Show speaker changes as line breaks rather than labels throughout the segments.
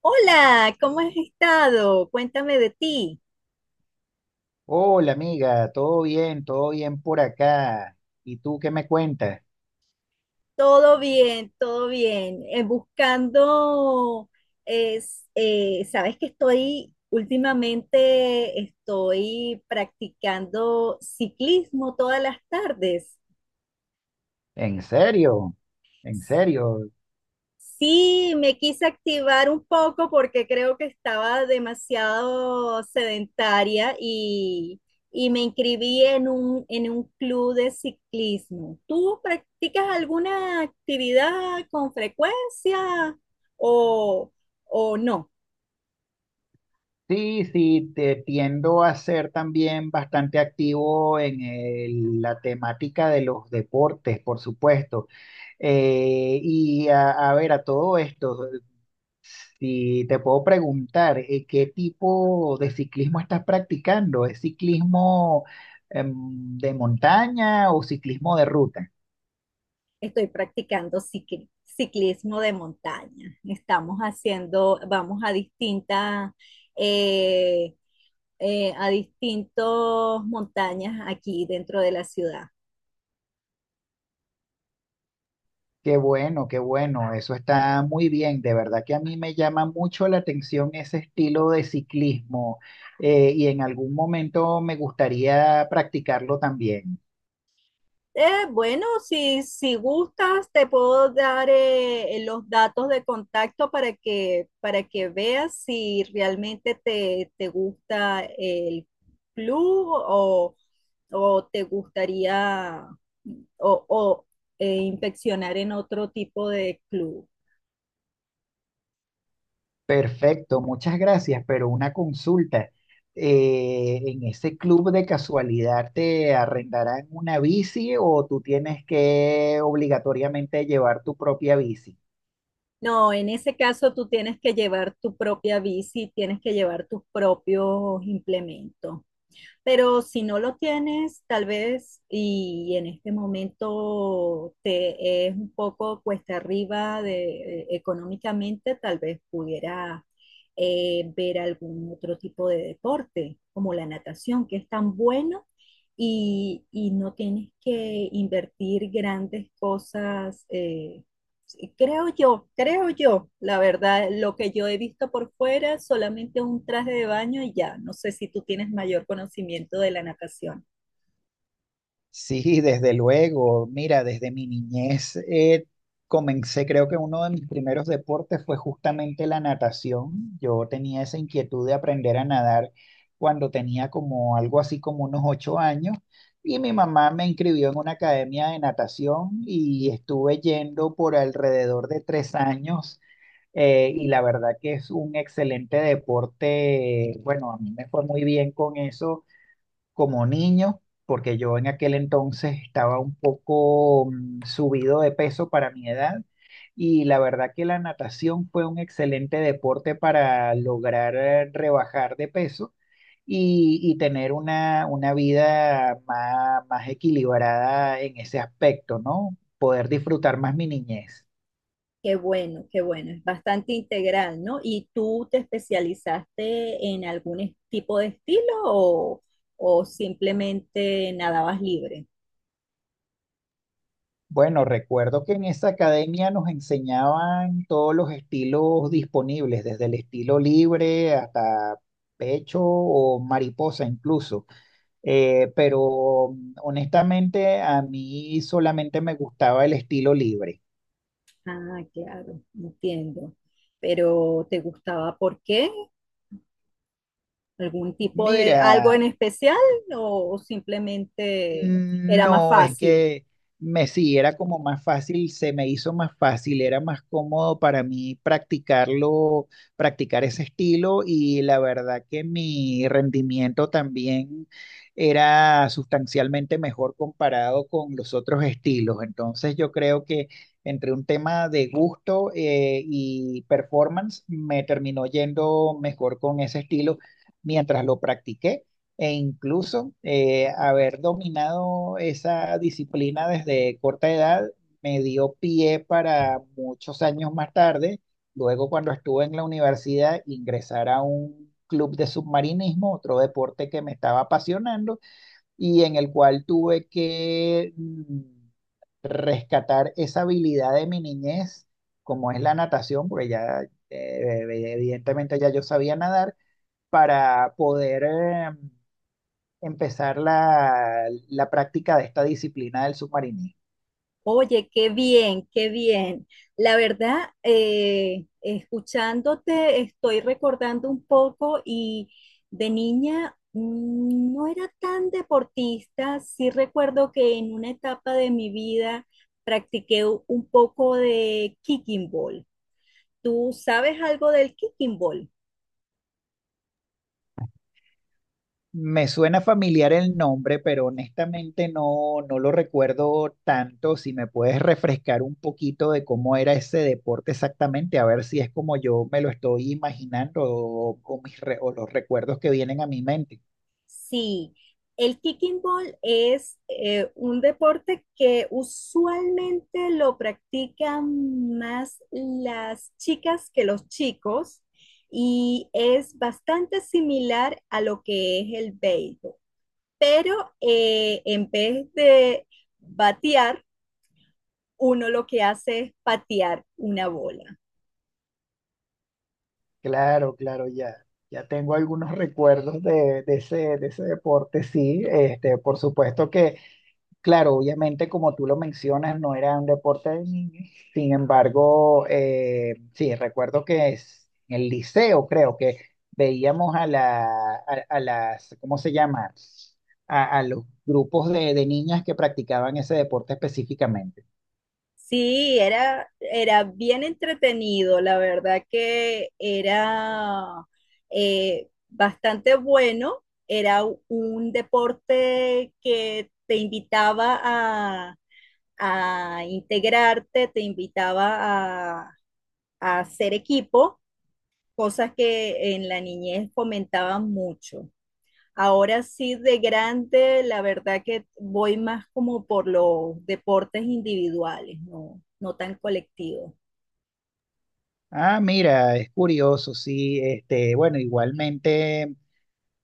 Hola, ¿cómo has estado? Cuéntame de ti.
Hola amiga, todo bien por acá. ¿Y tú qué me cuentas?
Todo bien, todo bien. Buscando, sabes que últimamente estoy practicando ciclismo todas las tardes.
¿En serio? ¿En serio?
Sí, me quise activar un poco porque creo que estaba demasiado sedentaria y, me inscribí en en un club de ciclismo. ¿Tú practicas alguna actividad con frecuencia o, o no?
Sí, sí, te tiendo a ser también bastante activo en la temática de los deportes, por supuesto. Y a ver, a todo esto, si te puedo preguntar, ¿qué tipo de ciclismo estás practicando? ¿Es ciclismo, de montaña o ciclismo de ruta?
Estoy practicando ciclismo de montaña. Estamos haciendo, vamos a distintas, eh, a distintos montañas aquí dentro de la ciudad.
Qué bueno, eso está muy bien. De verdad que a mí me llama mucho la atención ese estilo de ciclismo y en algún momento me gustaría practicarlo también.
Bueno, si, si gustas, te puedo dar los datos de contacto para que veas si realmente te gusta el club o te gustaría o, inspeccionar en otro tipo de club.
Perfecto, muchas gracias, pero una consulta. ¿En ese club de casualidad te arrendarán una bici o tú tienes que obligatoriamente llevar tu propia bici?
No, en ese caso tú tienes que llevar tu propia bici, tienes que llevar tus propios implementos. Pero si no lo tienes, tal vez, y en este momento te es un poco cuesta arriba de, económicamente, tal vez pudiera ver algún otro tipo de deporte, como la natación, que es tan bueno y, no tienes que invertir grandes cosas sí. Creo yo, la verdad, lo que yo he visto por fuera, solamente un traje de baño y ya. No sé si tú tienes mayor conocimiento de la natación.
Sí, desde luego. Mira, desde mi niñez comencé, creo que uno de mis primeros deportes fue justamente la natación. Yo tenía esa inquietud de aprender a nadar cuando tenía como algo así como unos 8 años y mi mamá me inscribió en una academia de natación y estuve yendo por alrededor de 3 años. Y la verdad que es un excelente deporte. Bueno, a mí me fue muy bien con eso como niño, porque yo en aquel entonces estaba un poco subido de peso para mi edad y la verdad que la natación fue un excelente deporte para lograr rebajar de peso y tener una vida más equilibrada en ese aspecto, ¿no? Poder disfrutar más mi niñez.
Qué bueno, es bastante integral, ¿no? ¿Y tú te especializaste en algún tipo de estilo o simplemente nadabas libre?
Bueno, recuerdo que en esa academia nos enseñaban todos los estilos disponibles, desde el estilo libre hasta pecho o mariposa incluso. Pero honestamente a mí solamente me gustaba el estilo libre.
Ah, claro, entiendo. Pero ¿te gustaba por qué? ¿Algún tipo de algo
Mira,
en especial o simplemente era más
No, es
fácil?
que me sí, era como más fácil, se me hizo más fácil, era más cómodo para mí practicarlo, practicar ese estilo y la verdad que mi rendimiento también era sustancialmente mejor comparado con los otros estilos. Entonces yo creo que entre un tema de gusto y performance me terminó yendo mejor con ese estilo mientras lo practiqué e incluso haber dominado esa disciplina desde corta edad me dio pie para muchos años más tarde, luego cuando estuve en la universidad, ingresar a un club de submarinismo, otro deporte que me estaba apasionando y en el cual tuve que rescatar esa habilidad de mi niñez, como es la natación, porque ya evidentemente ya yo sabía nadar, para poder... empezar la práctica de esta disciplina del submarinismo.
Oye, qué bien, qué bien. La verdad, escuchándote, estoy recordando un poco y de niña no era tan deportista. Sí recuerdo que en una etapa de mi vida practiqué un poco de kicking ball. ¿Tú sabes algo del kicking ball?
Me suena familiar el nombre, pero honestamente no, no lo recuerdo tanto. Si me puedes refrescar un poquito de cómo era ese deporte exactamente, a ver si es como yo me lo estoy imaginando o o los recuerdos que vienen a mi mente.
Sí, el kicking ball es un deporte que usualmente lo practican más las chicas que los chicos y es bastante similar a lo que es el béisbol. Pero en vez de batear, uno lo que hace es patear una bola.
Claro, claro, ya, ya tengo algunos recuerdos de ese deporte, sí. Este, por supuesto que Claro, obviamente, como tú lo mencionas, no era un deporte de niños. Sin embargo, sí, recuerdo que es en el liceo, creo que veíamos a a las, ¿cómo se llama? A los grupos de niñas que practicaban ese deporte específicamente.
Sí, era bien entretenido, la verdad que era bastante bueno, era un deporte que te invitaba a, integrarte, te invitaba a, hacer equipo, cosas que en la niñez fomentaban mucho. Ahora sí, de grande, la verdad que voy más como por los deportes individuales, no, no tan colectivos.
Ah, mira, es curioso, sí. Este, bueno, igualmente.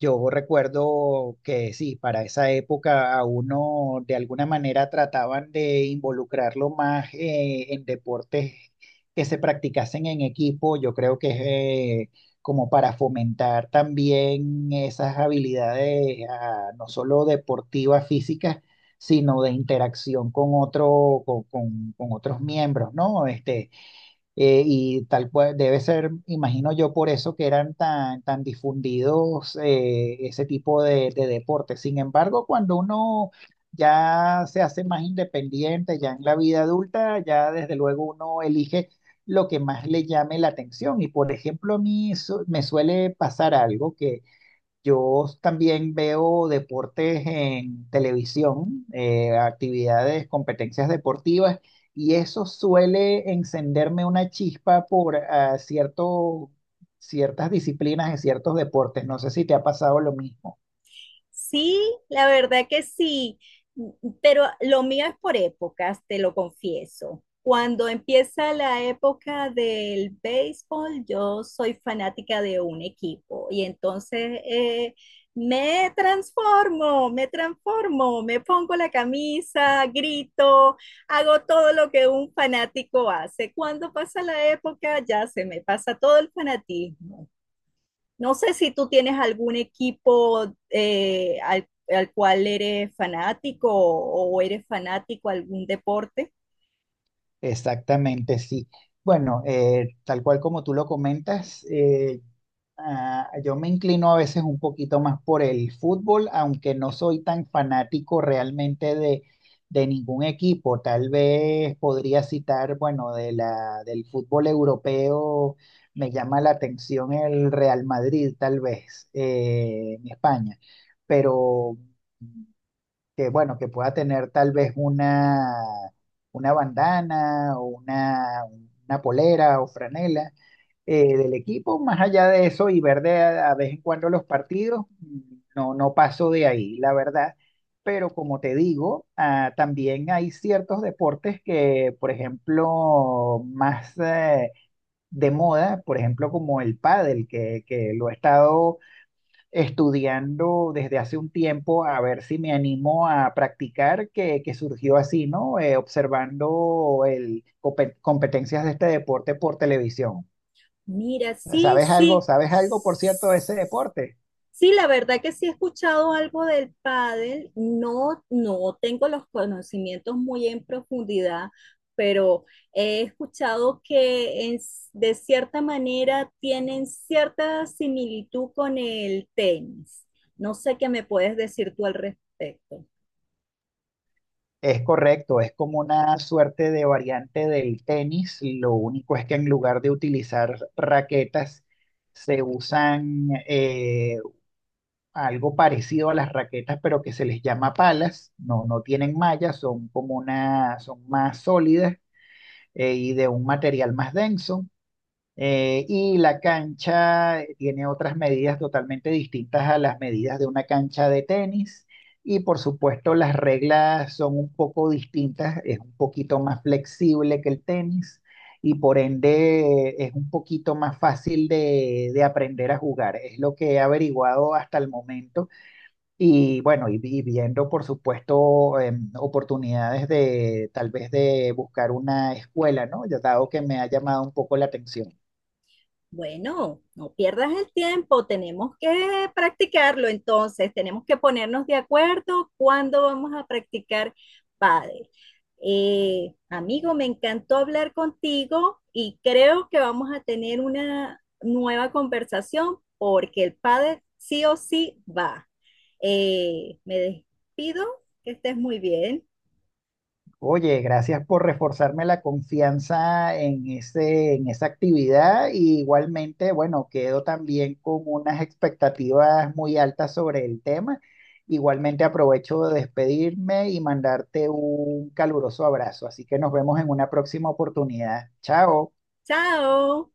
Yo recuerdo que sí, para esa época a uno de alguna manera trataban de involucrarlo más en deportes que se practicasen en equipo. Yo creo que es como para fomentar también esas habilidades ah, no solo deportivas físicas, sino de interacción con otro, con otros miembros, ¿no? Este, y tal cual, debe ser, imagino yo, por eso que eran tan, tan difundidos ese tipo de deportes. Sin embargo, cuando uno ya se hace más independiente, ya en la vida adulta, ya desde luego uno elige lo que más le llame la atención. Y por ejemplo, a me suele pasar algo que yo también veo deportes en televisión, actividades, competencias deportivas, y eso suele encenderme una chispa por ah, cierto, ciertas disciplinas en ciertos deportes. No sé si te ha pasado lo mismo.
Sí, la verdad que sí, m- pero lo mío es por épocas, te lo confieso. Cuando empieza la época del béisbol, yo soy fanática de un equipo y entonces me transformo, me transformo, me pongo la camisa, grito, hago todo lo que un fanático hace. Cuando pasa la época, ya se me pasa todo el fanatismo. No sé si tú tienes algún equipo al, al cual eres fanático o eres fanático a algún deporte.
Exactamente, sí. Bueno, tal cual como tú lo comentas, Ah, yo me inclino a veces un poquito más por el fútbol, aunque no soy tan fanático realmente de ningún equipo. Tal vez podría citar, bueno, de del fútbol europeo, me llama la atención el Real Madrid, tal vez, en España. Pero que bueno, que pueda tener tal vez una bandana o una polera o franela del equipo. Más allá de eso y ver de a vez en cuando los partidos, mm, no, no paso de ahí, la verdad. Pero como te digo, ah, también hay ciertos deportes que, por ejemplo, más de moda, por ejemplo, como el pádel, que lo he estado estudiando desde hace un tiempo a ver si me animo a practicar, que surgió así, ¿no? Observando el, competencias de este deporte por televisión.
Mira, sí,
¿Sabes algo?
sí.
¿Sabes algo, por cierto, de ese deporte?
Sí, la verdad que sí he escuchado algo del pádel. No, no tengo los conocimientos muy en profundidad, pero he escuchado que de cierta manera tienen cierta similitud con el tenis. No sé qué me puedes decir tú al respecto.
Es correcto, es como una suerte de variante del tenis. Lo único es que en lugar de utilizar raquetas, se usan algo parecido a las raquetas, pero que se les llama palas, no, no tienen malla, son como una, son más sólidas y de un material más denso. Y la cancha tiene otras medidas totalmente distintas a las medidas de una cancha de tenis. Y por supuesto las reglas son un poco distintas, es un poquito más flexible que el tenis y por ende es un poquito más fácil de aprender a jugar. Es lo que he averiguado hasta el momento y bueno, y viendo, por supuesto, em, oportunidades de tal vez de buscar una escuela, ¿no? Ya dado que me ha llamado un poco la atención.
Bueno, no pierdas el tiempo, tenemos que practicarlo entonces, tenemos que ponernos de acuerdo cuándo vamos a practicar pádel. Amigo, me encantó hablar contigo y creo que vamos a tener una nueva conversación porque el pádel sí o sí va. Me despido, que estés muy bien.
Oye, gracias por reforzarme la confianza en ese, en esa actividad. Y igualmente, bueno, quedo también con unas expectativas muy altas sobre el tema. Igualmente aprovecho de despedirme y mandarte un caluroso abrazo. Así que nos vemos en una próxima oportunidad. Chao.
Chao.